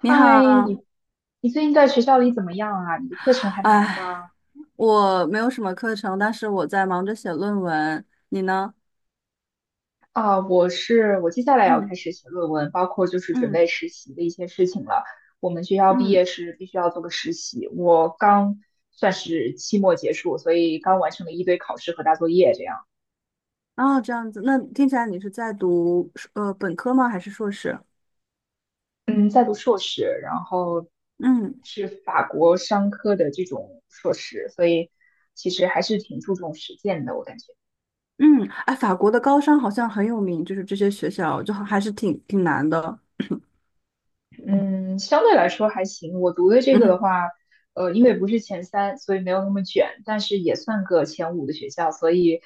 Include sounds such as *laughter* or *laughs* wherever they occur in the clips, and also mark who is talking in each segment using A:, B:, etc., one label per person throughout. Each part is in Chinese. A: 你好。
B: 你最近在学校里怎么样啊？你的课程还忙
A: 哎，
B: 吗？
A: 我没有什么课程，但是我在忙着写论文。你呢？
B: 我接下来要开
A: 嗯
B: 始写论文，包括就是准
A: 嗯
B: 备实习的一些事情了。我们学校毕
A: 嗯，
B: 业是必须要做个实习，我刚算是期末结束，所以刚完成了一堆考试和大作业这样。
A: 哦，这样子，那听起来你是在读本科吗？还是硕士？
B: 嗯，在读硕士，然后
A: 嗯
B: 是法国商科的这种硕士，所以其实还是挺注重实践的，我感觉。
A: 嗯。哎，法国的高商好像很有名，就是这些学校就还是挺难的。
B: 嗯，相对来说还行。我读的这个的
A: 嗯
B: 话，因为不是前三，所以没有那么卷，但是也算个前五的学校，所以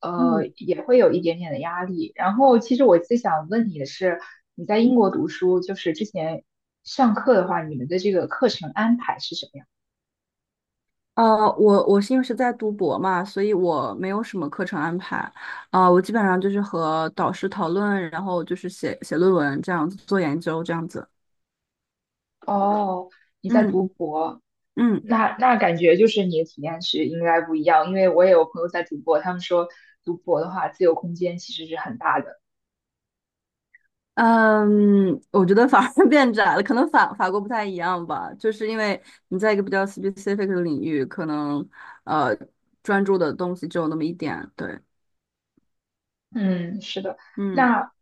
A: 嗯。
B: 也会有一点点的压力。然后，其实我最想问你的是，你在英国读书，就是之前上课的话，你们的这个课程安排是什么样？
A: 呃，我是因为在读博嘛，所以我没有什么课程安排。啊、我基本上就是和导师讨论，然后就是写写论文这样子，做研究这样子。
B: 哦，你在
A: 嗯
B: 读博，
A: 嗯
B: 那感觉就是你的体验是应该不一样，因为我也有朋友在读博，他们说读博的话，自由空间其实是很大的。
A: 嗯。我觉得反而 *laughs* 变窄了，可能法国不太一样吧，就是因为你在一个比较 specific 的领域，可能呃专注的东西只有那么一点。对。
B: 嗯，是的。
A: 嗯。
B: 那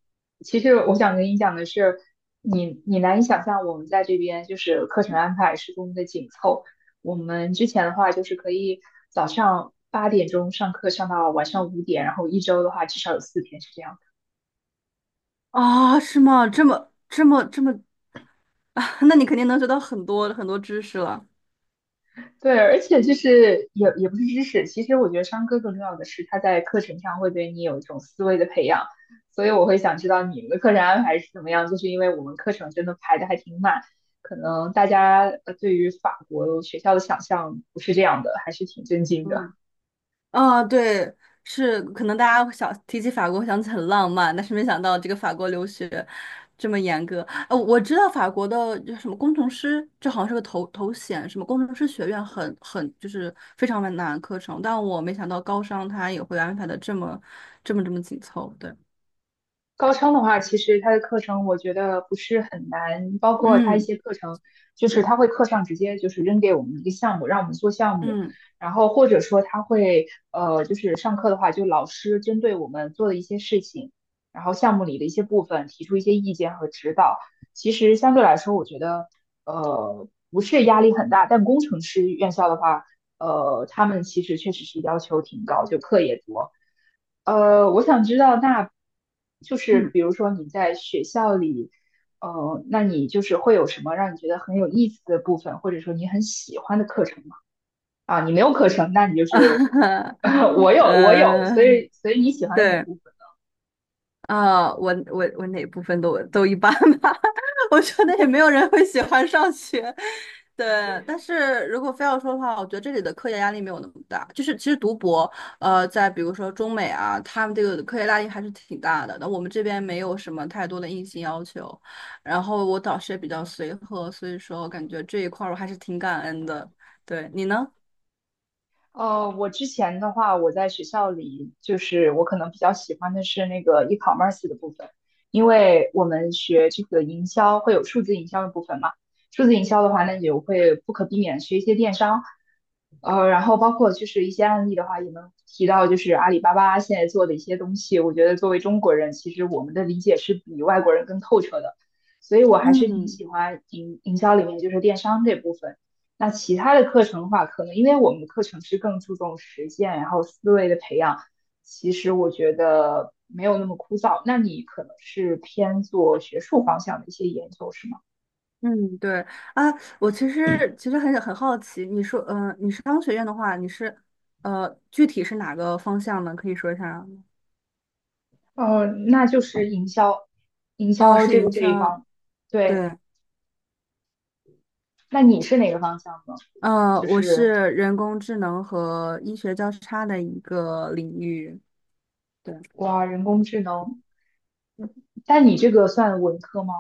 B: 其实我想跟你讲的是，你难以想象我们在这边就是课程安排是多么的紧凑。我们之前的话就是可以早上8点钟上课上到晚上5点，然后一周的话至少有4天是这样。
A: 啊，是吗？这么这么这么，*laughs* 那你肯定能学到很多很多知识了。
B: 对，而且就是也不是知识，其实我觉得商科更重要的是他在课程上会对你有一种思维的培养，所以我会想知道你们的课程安排是怎么样，就是因为我们课程真的排的还挺满，可能大家对于法国学校的想象不是这样的，还是挺震惊
A: 嗯。
B: 的。
A: 啊，对。是可能大家会想提起法国会想起很浪漫，但是没想到这个法国留学这么严格。呃，我知道法国的就什么工程师，这好像是个头衔，什么工程师学院很就是非常难的课程，但我没想到高商它也会安排的这么紧凑。对。
B: 高昌的话，其实他的课程我觉得不是很难，包括他一
A: 嗯
B: 些课程，就是他会课上直接就是扔给我们一个项目，让我们做项目，
A: 嗯
B: 然后或者说他会就是上课的话，就老师针对我们做的一些事情，然后项目里的一些部分提出一些意见和指导。其实相对来说，我觉得不是压力很大，但工程师院校的话。呃，他们其实确实是要求挺高，就课也多。呃，我想知道，那就是
A: 嗯。
B: 比如说你在学校里，呃，那你就是会有什么让你觉得很有意思的部分，或者说你很喜欢的课程吗？啊，你没有课程，那你就是，*laughs*
A: *laughs*
B: 我有我有所
A: 呃，
B: 以所以你喜欢的哪
A: 对。
B: 部分？
A: 啊，我哪部分都一般吧。*laughs* 我觉得也没有人会喜欢上学。对。但是如果非要说的话，我觉得这里的科研压力没有那么大。就是其实读博，呃，在比如说中美啊，他们这个科研压力还是挺大的。那我们这边没有什么太多的硬性要求，然后我导师也比较随和，所以说我感觉这一块儿我还是挺感恩的。对，你呢？
B: 呃，我之前的话，我在学校里，就是我可能比较喜欢的是那个 e-commerce 的部分，因为我们学这个营销会有数字营销的部分嘛。数字营销的话，那你就会不可避免地学一些电商。呃，然后包括就是一些案例的话，也能提到就是阿里巴巴现在做的一些东西，我觉得作为中国人，其实我们的理解是比外国人更透彻的，所以我还是挺
A: 嗯。
B: 喜欢营销里面就是电商这部分。那其他的课程的话，可能因为我们的课程是更注重实践，然后思维的培养，其实我觉得没有那么枯燥。那你可能是偏做学术方向的一些研究，是吗？
A: 嗯。对。啊，其实很好奇。你说，呃，你商学院的话，你是，呃，具体是哪个方向呢？可以说一下吗？
B: 呃，那就是营销，营
A: 哦，
B: 销
A: 是
B: 这个
A: 营
B: 这一
A: 销。
B: 方，对。
A: 对。
B: 那你是哪个方向呢？
A: 呃，
B: 就
A: 我
B: 是
A: 是人工智能和医学交叉的一个领域。对。
B: 哇，人工智能，但你这个算文科吗？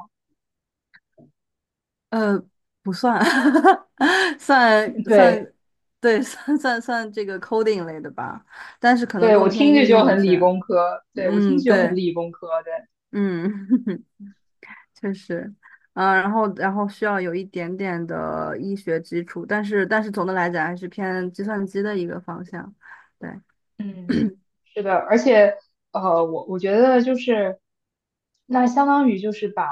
A: 呃，不算。*laughs* 算
B: *laughs* 对，
A: 算，对，算这个 coding 类的吧，但是可能
B: 对，我
A: 更偏
B: 听
A: 应
B: 着就
A: 用一
B: 很
A: 些。
B: 理工科，对，我听
A: 嗯，
B: 着就很
A: 对。
B: 理工科，对。
A: 嗯。*laughs* 确实。嗯、然后需要有一点点的医学基础，但是总的来讲还是偏计算机的一个方向。对。
B: 嗯，是的，而且我觉得就是，那相当于就是把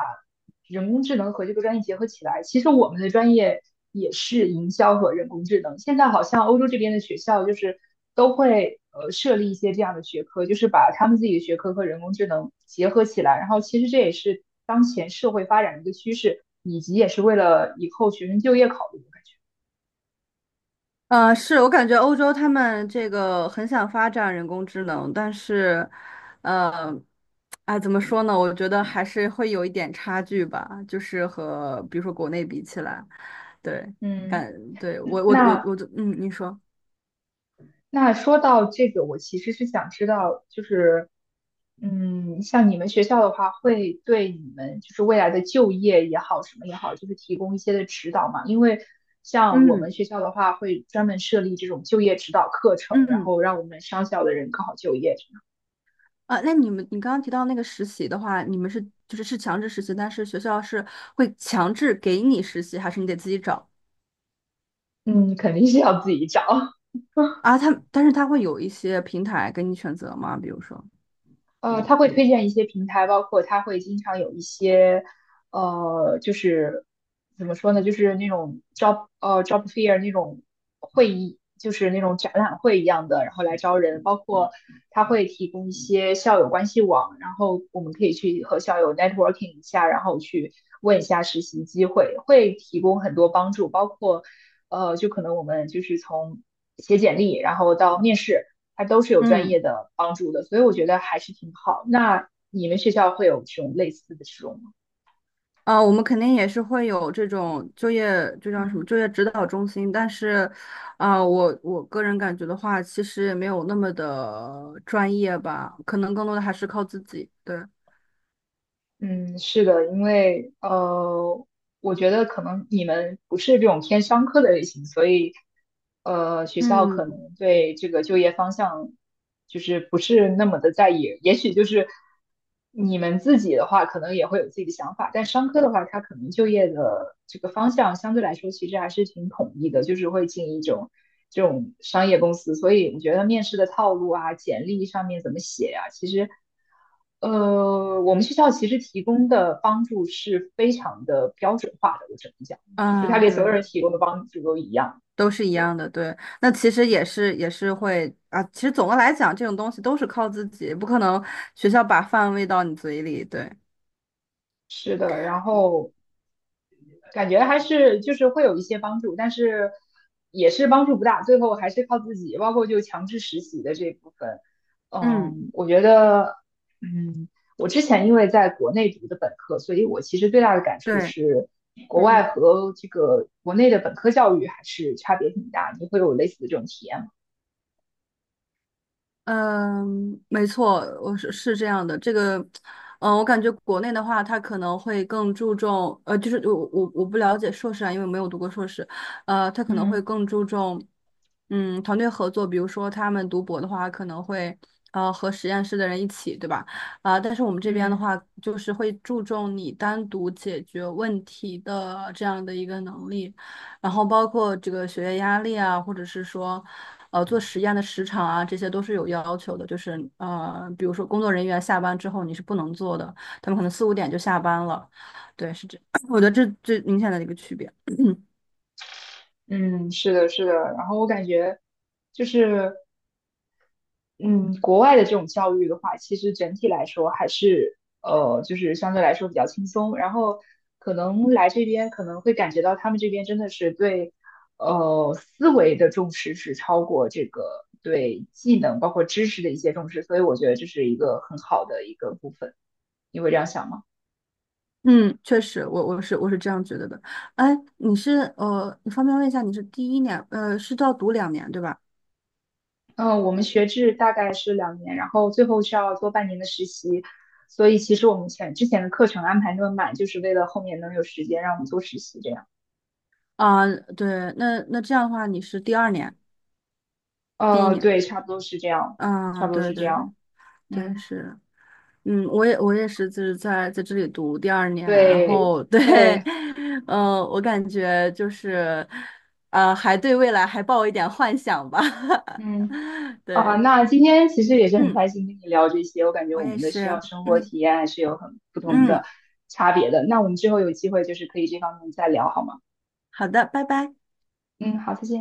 B: 人工智能和这个专业结合起来。其实我们的专业也是营销和人工智能。现在好像欧洲这边的学校就是都会设立一些这样的学科，就是把他们自己的学科和人工智能结合起来。然后其实这也是当前社会发展的一个趋势，以及也是为了以后学生就业考虑，我感觉。
A: 是我感觉欧洲他们这个很想发展人工智能，但是，呃，哎，怎么说呢？我觉得还是会有一点差距吧，就是和比如说国内比起来。对。
B: 嗯。
A: 感，对，我我我
B: 那
A: 我就嗯，你说。
B: 那说到这个，我其实是想知道，就是，嗯，像你们学校的话，会对你们就是未来的就业也好，什么也好，就是提供一些的指导嘛？因为像我们
A: 嗯
B: 学校的话，会专门设立这种就业指导课程，然
A: 嗯。
B: 后让我们商校的人更好就业，这样
A: 啊，那你们，你刚刚提到那个实习的话，你们是就是强制实习，但是学校是会强制给你实习，还是你得自己找？
B: 嗯，肯定是要自己找。*laughs*
A: 啊？他，但是他会有一些平台给你选择吗？比如说。
B: 呃，他会推荐一些平台，包括他会经常有一些，呃，就是怎么说呢，就是那种 job job fair 那种会议，就是那种展览会一样的，然后来招人。包括他会提供一些校友关系网，然后我们可以去和校友 networking 一下，然后去问一下实习机会，会提供很多帮助，包括就可能我们就是从写简历，然后到面试。它都是有专
A: 嗯。
B: 业的帮助的，所以我觉得还是挺好。那你们学校会有这种类似的这种吗？
A: 啊，我们肯定也是会有这种就业，就叫什么
B: 嗯
A: 就业指导中心，但是，啊，我我个人感觉的话，其实也没有那么的专业吧，可能更多的还是靠自己。对。
B: 嗯，是的，因为我觉得可能你们不是这种偏商科的类型，所以学校可
A: 嗯。
B: 能对这个就业方向就是不是那么的在意。也许就是你们自己的话，可能也会有自己的想法，但商科的话，它可能就业的这个方向相对来说其实还是挺统一的，就是会进一种这种商业公司。所以我觉得面试的套路啊、简历上面怎么写呀、其实。呃，我们学校其实提供的帮助是非常的标准化的，我只能讲，就是他
A: 啊，
B: 给所有
A: 对。
B: 人提供的帮助都一样。
A: 都是一样
B: 对，
A: 的，对。那其实也是会啊。其实总的来讲，这种东西都是靠自己，不可能学校把饭喂到你嘴里。对。
B: 是的。然后感觉还是就是会有一些帮助，但是也是帮助不大，最后还是靠自己，包括就强制实习的这部分，
A: 嗯。
B: 嗯，我觉得，嗯，我之前因为在国内读的本科，所以我其实最大的感触
A: 对。
B: 是，国外
A: 嗯。
B: 和这个国内的本科教育还是差别挺大，你会有类似的这种体验吗？
A: 嗯，没错，我是这样的。这个，嗯，我感觉国内的话，它可能会更注重，呃，就是我不了解硕士啊，因为没有读过硕士。呃，它可能会
B: 嗯
A: 更注重，嗯，团队合作。比如说他们读博的话，可能会和实验室的人一起，对吧？啊、但是我们这边的
B: 嗯
A: 话，就是会注重你单独解决问题的这样的一个能力，然后包括这个学业压力啊，或者是说，呃做实验的时长啊，这些都是有要求的。就是呃，比如说工作人员下班之后你是不能做的，他们可能四五点就下班了。对，是这，*coughs* *clears throat* 我觉得这最明显的一个区别。*clears throat*
B: 嗯，是的，是的。然后我感觉就是嗯，国外的这种教育的话，其实整体来说还是就是相对来说比较轻松。然后可能来这边可能会感觉到他们这边真的是对思维的重视是超过这个对技能包括知识的一些重视，所以我觉得这是一个很好的一个部分。你会这样想吗？
A: 嗯，确实，我是这样觉得的。哎，你是你方便问一下，你是第一年是要读两年对吧？
B: 嗯，我们学制大概是2年，然后最后需要做半年的实习，所以其实我们之前的课程安排那么满，就是为了后面能有时间让我们做实习这样。
A: 啊，对。那那这样的话，你是第二年，第一
B: 哦，
A: 年。
B: 对，差不多是这样，差
A: 啊，
B: 不多
A: 对
B: 是这
A: 对对
B: 样。嗯，
A: 对，
B: 嗯
A: 是嗯。我也是，就是在这里读第二年，然
B: 对，
A: 后对。
B: 对，
A: *laughs* 嗯，我感觉就是，呃，还对未来还抱一点幻想吧。
B: 嗯，
A: *laughs*
B: 啊，
A: 对。
B: 那今天其实也是很
A: 嗯，
B: 开心跟你聊这些，我感觉
A: 我
B: 我
A: 也
B: 们的学
A: 是。
B: 校生活
A: 嗯
B: 体验还是有很不同的
A: 嗯。
B: 差别的。那我们之后有机会就是可以这方面再聊，好吗？
A: 好的，拜拜。
B: 嗯，好，再见。